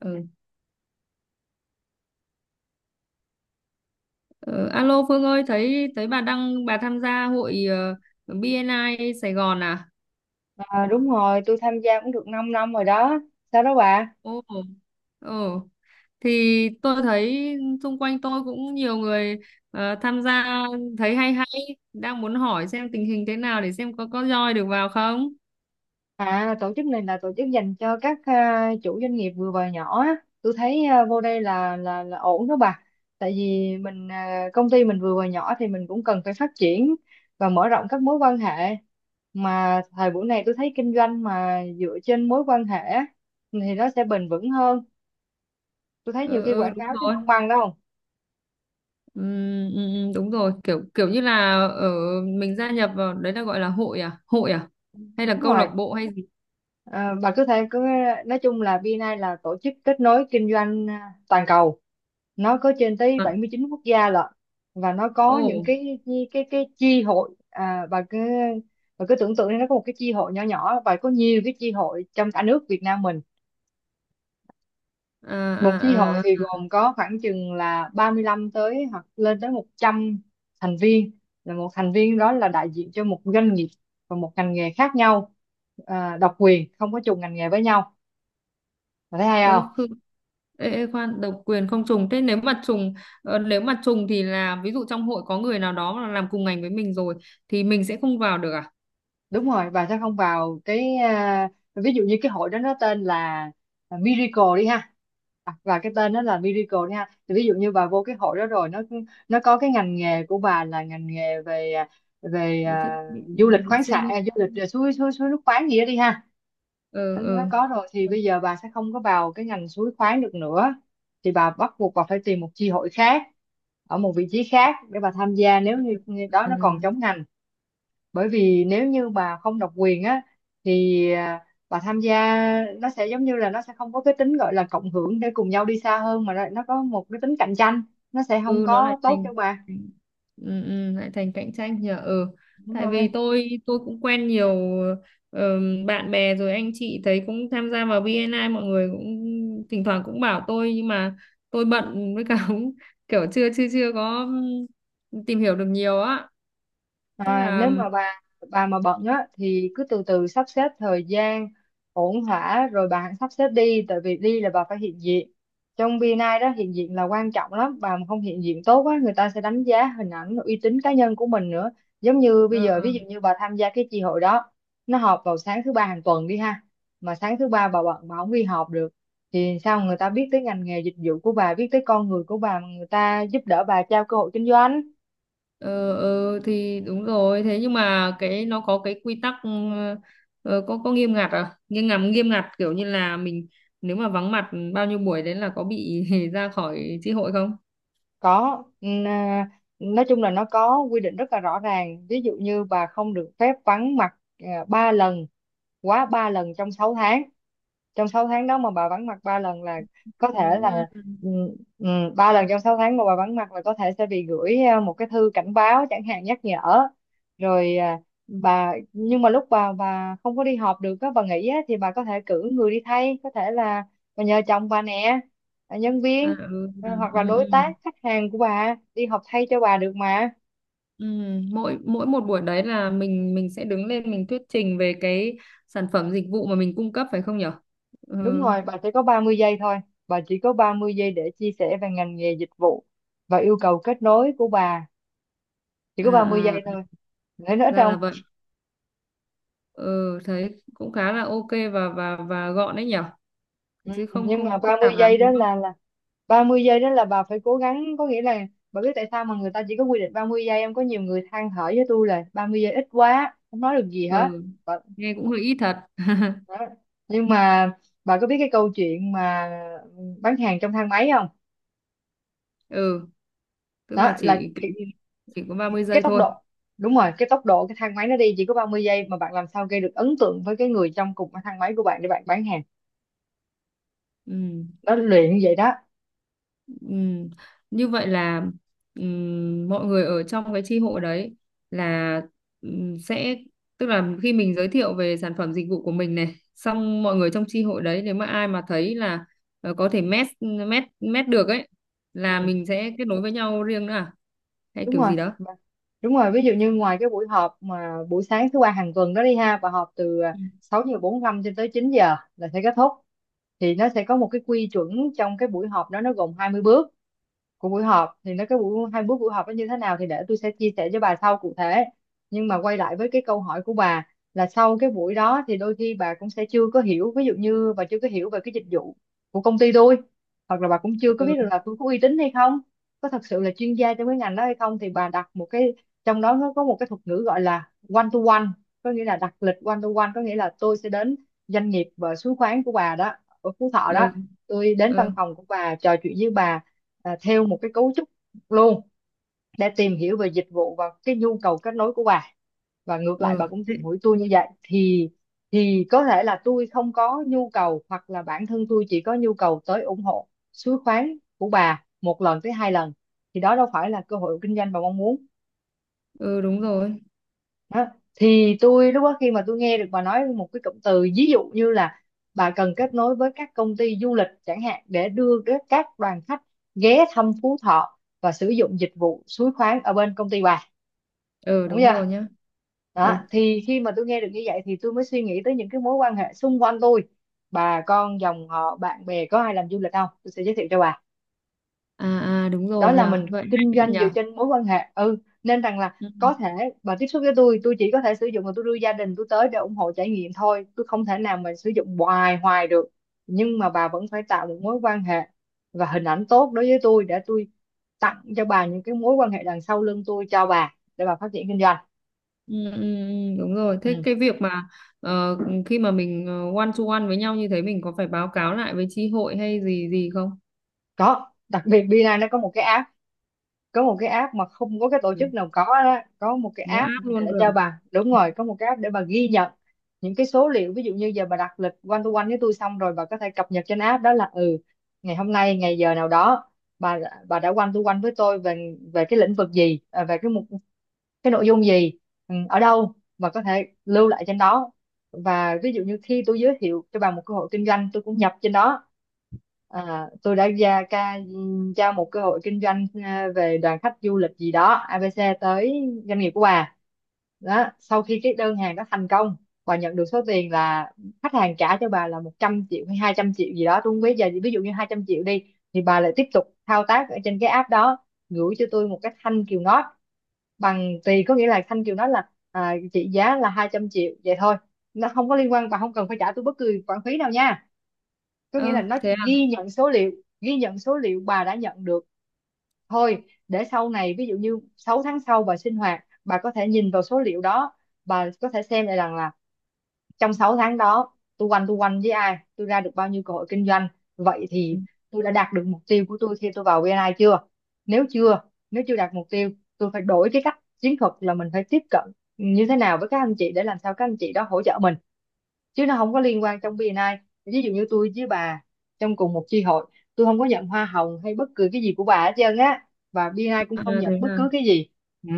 Ừ. Ờ, Alo Phương ơi, thấy thấy bà đăng bà tham gia hội BNI Sài Gòn à? Ờ, đúng rồi, tôi tham gia cũng được 5 năm rồi đó. Sao đó bà? Ồ. Ồ. Thì tôi thấy xung quanh tôi cũng nhiều người tham gia, thấy hay hay, đang muốn hỏi xem tình hình thế nào để xem có join được vào không? À, tổ chức này là tổ chức dành cho các chủ doanh nghiệp vừa và nhỏ á. Tôi thấy vô đây là ổn đó bà. Tại vì mình, công ty mình vừa và nhỏ thì mình cũng cần phải phát triển và mở rộng các mối quan hệ. Mà thời buổi này tôi thấy kinh doanh mà dựa trên mối quan hệ á, thì nó sẽ bền vững hơn. Tôi thấy nhiều Ờ khi ờ, quảng đúng cáo chứ rồi. không bằng đâu. Ừm, Đúng rồi, kiểu kiểu như là ở mình gia nhập vào đấy là gọi là hội à? Hội à? Hay là Đúng câu lạc rồi. bộ hay gì? Ờ, bà cứ nói chung là VNI là tổ chức kết nối kinh doanh, toàn cầu, nó có trên tới À. 79 quốc gia lận. Và nó có những Ồ. cái chi hội. À, bà cứ, bà cứ tưởng tượng đi, nó có một cái chi hội nhỏ nhỏ và có nhiều cái chi hội trong cả nước Việt Nam mình. À Một chi à hội à. thì gồm có khoảng chừng là 35 tới, hoặc lên tới 100 thành viên. Là một thành viên đó là đại diện cho một doanh nghiệp và một ngành nghề khác nhau, độc quyền không có trùng ngành nghề với nhau. Bà thấy hay? Ừ, ê, ê, khoan, độc quyền không trùng, thế nếu mà trùng, nếu mà trùng thì là ví dụ trong hội có người nào đó là làm cùng ngành với mình rồi thì mình sẽ không vào được à? Đúng rồi, bà sẽ không vào cái, ví dụ như cái hội đó nó tên là Miracle đi ha. À, và cái tên đó là Miracle đi ha, thì ví dụ như bà vô cái hội đó rồi, nó có cái ngành nghề của bà là ngành nghề về à, về Về thiết à, bị du lịch vệ khoáng sản, sinh. Du lịch, suối suối suối nước khoáng gì đó đi ha, ờ nó ờ có rồi thì bây giờ bà sẽ không có vào cái ngành suối khoáng được nữa. Thì bà bắt buộc bà phải tìm một chi hội khác ở một vị trí khác để bà tham gia, nếu như như đó ừ. nó còn chống ngành. Bởi vì nếu như bà không độc quyền á, thì bà tham gia nó sẽ giống như là nó sẽ không có cái tính gọi là cộng hưởng để cùng nhau đi xa hơn, mà nó có một cái tính cạnh tranh, nó sẽ không Ừ, nó lại có tốt thành cho bà. thành- ừ, ừ, lại thành cạnh tranh nhỉ. Ừ, Đúng tại rồi. vì tôi cũng quen nhiều bạn bè rồi anh chị thấy cũng tham gia vào bê en I, mọi người cũng thỉnh thoảng cũng bảo tôi, nhưng mà tôi bận với cả cũng kiểu chưa chưa chưa có tìm hiểu được nhiều á, thế À, là. nếu mà bà mà bận á thì cứ từ từ sắp xếp thời gian ổn thỏa rồi bà hãy sắp xếp đi. Tại vì đi là bà phải hiện diện trong BNI đó. Hiện diện là quan trọng lắm, bà mà không hiện diện tốt á, người ta sẽ đánh giá hình ảnh uy tín cá nhân của mình nữa. Giống như bây Ờ, giờ, ờ. ví dụ như bà tham gia cái chi hội đó, nó họp vào sáng thứ ba hàng tuần đi ha, mà sáng thứ ba bà bận, bà không đi họp được, thì sao người ta biết tới ngành nghề dịch vụ của bà, biết tới con người của bà mà người ta giúp đỡ bà, trao cơ hội kinh doanh? Ờ, ừ, thì đúng rồi, thế nhưng mà cái nó có cái quy tắc, có nghiêm ngặt à, nghiêm ngặt, nghiêm ngặt kiểu như là mình nếu mà vắng mặt bao nhiêu buổi đấy là có bị ra khỏi chi hội không? Có. Nói chung là nó có quy định rất là rõ ràng. Ví dụ như bà không được phép vắng mặt 3 lần, quá 3 lần trong 6 tháng. Trong 6 tháng đó mà bà vắng mặt 3 lần là có thể Đó, ba là, lần. ừ, ừ, ba lần trong 6 tháng mà bà vắng mặt là có thể sẽ bị gửi một cái thư cảnh báo chẳng hạn, nhắc nhở rồi. Bà, nhưng mà lúc bà không có đi họp được á, bà nghỉ á, thì bà có thể cử người đi thay. Có thể là bà nhờ chồng bà nè, ờ, nhân À, viên, ừ, à, ờ, hoặc là ừ, đối ừ. tác khách hàng của bà đi họp thay cho bà được mà. Ừ, mỗi mỗi một buổi đấy là mình sẽ đứng lên mình thuyết trình về cái sản phẩm dịch vụ mà mình cung cấp, phải không nhở? Ừ, Đúng rồi, bà chỉ có 30 giây thôi. Bà chỉ có 30 giây để chia sẻ về ngành nghề dịch vụ và yêu cầu kết nối của bà. Chỉ à, có 30 giây à, thôi. Nữa nữa ra là trong, vậy. Ừ, thấy cũng khá là ok và và gọn đấy nhở, ừ, chứ không nhưng không mà có phức 30 tạp giây lắm, đó đúng không? là 30 giây đó là bà phải cố gắng. Có nghĩa là bà biết tại sao mà người ta chỉ có quy định 30 giây. Em có nhiều người than thở với tôi là 30 giây ít quá, không nói được gì hết, Ừ, bà. nghe cũng hơi ít thật. Đó. Nhưng mà bà có biết cái câu chuyện mà bán hàng trong thang máy không? Ừ, tức là Đó là chỉ kiểu như chỉ có ba mươi cái giây tốc thôi. độ, đúng rồi, cái tốc độ cái thang máy nó đi chỉ có 30 giây, mà bạn làm sao gây được ấn tượng với cái người trong cùng cái thang máy của bạn để bạn bán hàng. Ừ. Nó luyện vậy đó. Ừ. Như vậy là ừ, mọi người ở trong cái chi hội đấy là, ừ, sẽ tức là khi mình giới thiệu về sản phẩm dịch vụ của mình này xong, mọi người trong chi hội đấy nếu mà ai mà thấy là có thể match, match được ấy, là mình sẽ kết nối với nhau riêng nữa à, hay Đúng kiểu rồi. gì đó? Mà- Đúng rồi, ví dụ như ngoài cái buổi họp mà buổi sáng thứ ba hàng tuần đó đi ha, và họp từ Ừ 6 giờ 45 cho tới 9 giờ là sẽ kết thúc, thì nó sẽ có một cái quy chuẩn. Trong cái buổi họp đó nó gồm 20 bước của buổi họp. Thì nó, cái buổi hai buổi buổi họp nó như thế nào thì để tôi sẽ chia sẻ cho bà sau cụ thể. Nhưng mà quay lại với cái câu hỏi của bà, là sau cái buổi đó thì đôi khi bà cũng sẽ chưa có hiểu, ví dụ như bà chưa có hiểu về cái dịch vụ của công ty tôi, hoặc là bà cũng chưa có biết ừ được là tôi có uy tín hay không, có thật sự là chuyên gia trong cái ngành đó hay không. Thì bà đặt một cái, trong đó nó có một cái thuật ngữ gọi là one to one, có nghĩa là đặt lịch one to one, có nghĩa là tôi sẽ đến doanh nghiệp và xuống khoán của bà đó, ở Phú Thọ đó. ừ Tôi đến văn ừ, phòng của bà, trò chuyện với bà theo một cái cấu trúc luôn, để tìm hiểu về dịch vụ và cái nhu cầu kết nối của bà. Và ngược lại bà ừ. cũng tìm hiểu tôi như vậy. Thì có thể là tôi không có nhu cầu, hoặc là bản thân tôi chỉ có nhu cầu tới ủng hộ suối khoáng của bà 1 lần tới 2 lần, thì đó đâu phải là cơ hội kinh doanh bà mong muốn. Ừ, đúng rồi. Đó. Thì tôi lúc đó, khi mà tôi nghe được bà nói một cái cụm từ ví dụ như là bà cần kết nối với các công ty du lịch chẳng hạn để đưa các đoàn khách ghé thăm Phú Thọ và sử dụng dịch vụ suối khoáng ở bên công ty bà, Ừ, đúng đúng rồi chưa? nhá. Đó, Ừ, thì khi mà tôi nghe được như vậy thì tôi mới suy nghĩ tới những cái mối quan hệ xung quanh tôi, bà con dòng họ bạn bè có ai làm du lịch không, tôi sẽ giới thiệu cho bà. à à, đúng Đó rồi, là nhờ mình vậy. kinh Hay doanh dựa nhờ. trên mối quan hệ. Ừ, nên rằng là Ừ, có thể bà tiếp xúc với tôi chỉ có thể sử dụng và tôi đưa gia đình tôi tới để ủng hộ trải nghiệm thôi, tôi không thể nào mà sử dụng hoài hoài được. Nhưng mà bà vẫn phải tạo một mối quan hệ và hình ảnh tốt đối với tôi, để tôi tặng cho bà những cái mối quan hệ đằng sau lưng tôi cho bà, để bà phát triển kinh doanh. ừ, ừ, ừ, đúng rồi, thế Ừ. cái việc mà ờ, khi mà mình one to one với nhau như thế, mình có phải báo cáo lại với chi hội hay gì gì không? Có, đặc biệt Bina nó có một cái app mà không có cái tổ Ừ, chức nào có. Đó, có một cái nó app áp luôn để rồi. cho bà, đúng rồi, có một cái app để bà ghi nhận những cái số liệu. Ví dụ như giờ bà đặt lịch one to one với tôi, xong rồi bà có thể cập nhật trên app đó là ngày hôm nay, ngày giờ nào đó, bà bà đã one to one với tôi về về cái lĩnh vực gì, à, về cái mục, cái nội dung gì, ở đâu, và có thể lưu lại trên đó. Và ví dụ như khi tôi giới thiệu cho bà một cơ hội kinh doanh, tôi cũng nhập trên đó. À, tôi đã ra một cơ hội kinh doanh, à, về đoàn khách du lịch gì đó ABC tới doanh nghiệp của bà. Đó, sau khi cái đơn hàng đó thành công, bà nhận được số tiền là khách hàng trả cho bà là 100 triệu hay 200 triệu gì đó, tôi không biết, giờ ví dụ như 200 triệu đi, thì bà lại tiếp tục thao tác ở trên cái app đó, gửi cho tôi một cái thanh kiều ngót bằng tùy, có nghĩa là Thanh Kiều nói là, à, chị giá là 200 triệu vậy thôi, nó không có liên quan, bà không cần phải trả tôi bất cứ khoản phí nào nha. Có nghĩa là Ơ nó thế chỉ à. ghi nhận số liệu, ghi nhận số liệu bà đã nhận được thôi, để sau này ví dụ như 6 tháng sau bà sinh hoạt, bà có thể nhìn vào số liệu đó, bà có thể xem lại rằng là trong 6 tháng đó tôi quanh, tôi quanh với ai, tôi ra được bao nhiêu cơ hội kinh doanh. Vậy thì tôi đã đạt được mục tiêu của tôi khi tôi vào VNI chưa? Nếu chưa nếu chưa đạt mục tiêu, tôi phải đổi cái cách chiến thuật, là mình phải tiếp cận như thế nào với các anh chị để làm sao các anh chị đó hỗ trợ mình, chứ nó không có liên quan. Trong VNI, ví dụ như tôi với bà trong cùng một chi hội, tôi không có nhận hoa hồng hay bất cứ cái gì của bà hết trơn á, và BNI cũng À không thế nhận bất à. cứ cái gì. Ừ.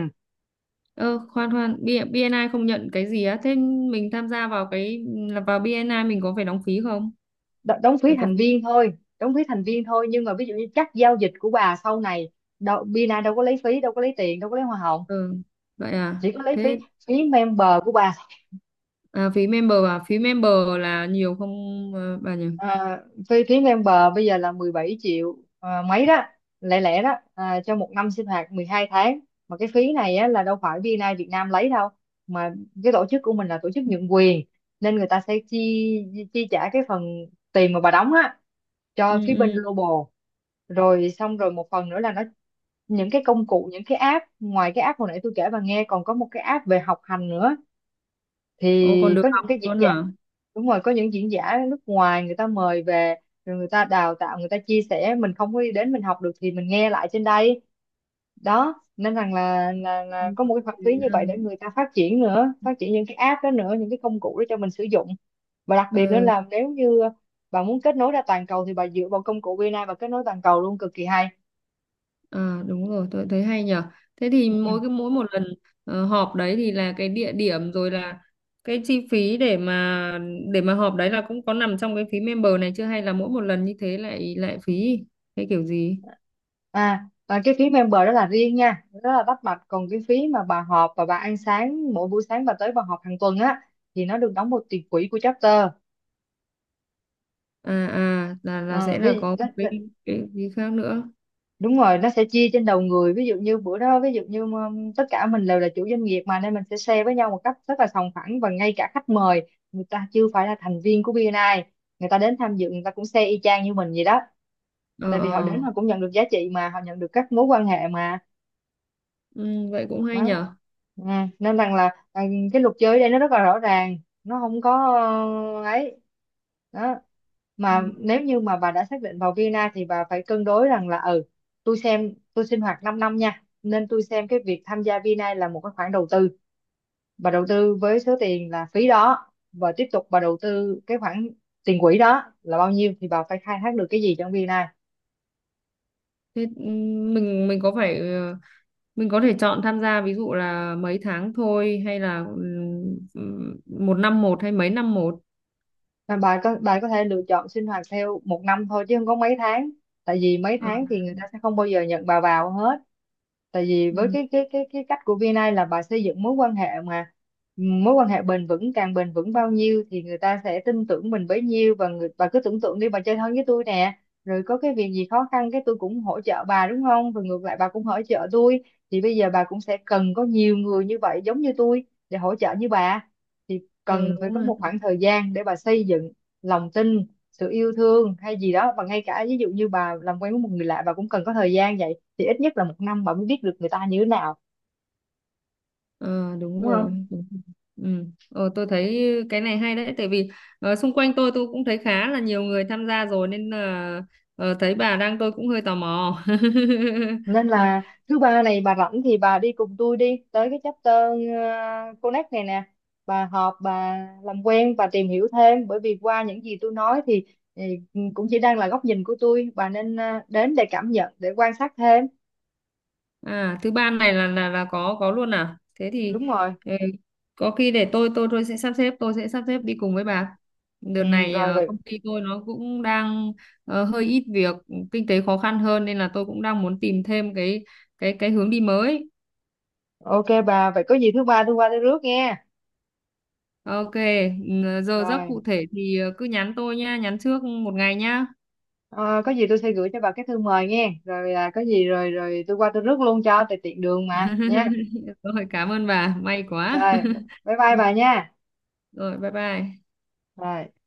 Ơ khoan khoan, BNI không nhận cái gì á, thế mình tham gia vào cái là vào BNI mình có phải đóng phí không? Đóng phí Phải có thành phí. viên thôi Đóng phí thành viên thôi, nhưng mà ví dụ như các giao dịch của bà sau này, đâu, Bina đâu có lấy phí, đâu có lấy tiền, đâu có lấy hoa hồng, Ừ, vậy à. chỉ có lấy phí Thế phí member của bà. À phí member là nhiều không bà nhỉ? À, phí phí ven bờ bây giờ là 17 triệu à, mấy đó, lẻ lẻ đó à, cho một năm sinh hoạt 12 tháng. Mà cái phí này á, là đâu phải BNI Việt Nam lấy đâu, mà cái tổ chức của mình là tổ chức nhượng quyền, nên người ta sẽ chi chi trả cái phần tiền mà bà đóng á Ừ cho phía bên ừ. global. Rồi xong rồi, một phần nữa là nó, những cái công cụ, những cái app, ngoài cái app hồi nãy tôi kể bà nghe, còn có một cái app về học hành nữa. Ồ, còn Thì có được những học cái diễn luôn giả, hả? đúng rồi, có những diễn giả nước ngoài người ta mời về, rồi người ta đào tạo, người ta chia sẻ, mình không có đến mình học được thì mình nghe lại trên đây. Đó, nên rằng là, là, Ừ. là có một cái Thế hoạt lý như là. vậy để người ta phát triển nữa, phát triển những cái app đó nữa, những cái công cụ đó cho mình sử dụng. Và đặc biệt nữa Ừ, là, nếu như bà muốn kết nối ra toàn cầu thì bà dựa vào công cụ VNA và kết nối toàn cầu luôn, cực kỳ hay. à, đúng rồi, tôi thấy hay nhở. Thế thì Ừ. Mỗi một lần họp đấy thì là cái địa điểm rồi là cái chi phí, để mà họp đấy là cũng có nằm trong cái phí member này chưa, hay là mỗi một lần như thế lại lại phí, hay kiểu gì? À, và cái phí member đó là riêng nha, rất là tách bạch. Còn cái phí mà bà họp và bà ăn sáng, mỗi buổi sáng bà tới bà họp hàng tuần á, thì nó được đóng một tiền quỹ của chapter. À à, là Ừ, sẽ là có đó, một đó, cái phí khác nữa. đúng rồi, nó sẽ chia trên đầu người. Ví dụ như bữa đó, ví dụ như tất cả mình đều là chủ doanh nghiệp mà, nên mình sẽ share với nhau một cách rất là sòng phẳng. Và ngay cả khách mời, người ta chưa phải là thành viên của BNI, người ta đến tham dự, người ta cũng share y chang như mình vậy đó. Ờ Tại ờ, vì họ đến họ cũng nhận được giá trị mà, họ nhận được các mối quan hệ mà. ừ, vậy cũng hay Đó. nhở. Ừ. Nên rằng là, à, cái luật chơi ở đây nó rất là rõ ràng, nó không có, ấy, đó, Ừ. mà nếu như mà bà đã xác định vào Vienna thì bà phải cân đối rằng là, tôi xem, tôi sinh hoạt 5 năm nha, nên tôi xem cái việc tham gia Vina là một cái khoản đầu tư, bà đầu tư với số tiền là phí đó, và tiếp tục bà đầu tư cái khoản tiền quỹ đó là bao nhiêu, thì bà phải khai thác được cái gì trong Vina. Thế mình có phải mình có thể chọn tham gia ví dụ là mấy tháng thôi hay là một năm một hay mấy năm một? Mà bà có thể lựa chọn sinh hoạt theo một năm thôi chứ không có mấy tháng, tại vì mấy Ờ, tháng thì người ta sẽ không bao giờ nhận bà vào hết, tại vì với ừm, cái cách của VNA là bà xây dựng mối quan hệ mà, mối quan hệ bền vững, càng bền vững bao nhiêu thì người ta sẽ tin tưởng mình bấy nhiêu. Và người, bà cứ tưởng tượng đi, bà chơi thân với tôi nè, rồi có cái việc gì khó khăn cái tôi cũng hỗ trợ bà đúng không, rồi ngược lại bà cũng hỗ trợ tôi, thì bây giờ bà cũng sẽ cần có nhiều người như vậy giống như tôi để hỗ trợ như bà. ờ, Cần phải Đúng có rồi. một khoảng thời gian để bà xây dựng lòng tin, sự yêu thương hay gì đó, và ngay cả ví dụ như bà làm quen với một người lạ bà cũng cần có thời gian, vậy thì ít nhất là một năm bà mới biết được người ta như thế nào, Ờ, đúng đúng rồi, không? đúng rồi. Tôi thấy cái này hay đấy, tại vì xung quanh tôi cũng thấy khá là nhiều người tham gia rồi, nên là thấy bà đang tôi cũng hơi tò mò. Nên là thứ ba này bà rảnh thì bà đi cùng tôi đi tới cái chapter Connect này nè, bà họp, bà làm quen, bà tìm hiểu thêm, bởi vì qua những gì tôi nói thì cũng chỉ đang là góc nhìn của tôi, bà nên đến để cảm nhận, để quan sát thêm. À, thứ ba này là là có luôn à? Thế thì Đúng rồi. ừ, có khi để tôi tôi sẽ sắp xếp, đi cùng với bà. Đợt Ừ, này rồi vậy. công ty tôi nó cũng đang hơi ít việc, kinh tế khó khăn hơn nên là tôi cũng đang muốn tìm thêm cái cái hướng đi mới. Ok bà, vậy có gì thứ ba tôi qua tôi rước nghe. Ok, giờ giấc Rồi, cụ thể thì cứ nhắn tôi nha, nhắn trước một ngày nha. ờ, có gì tôi sẽ gửi cho bà cái thư mời nghe, rồi, à, có gì rồi rồi tôi qua tôi rước luôn cho tại tiện đường mà nha. Rồi, cảm ơn bà, may quá. Rồi, bye bye bà nha. Rồi, bye bye. Rồi.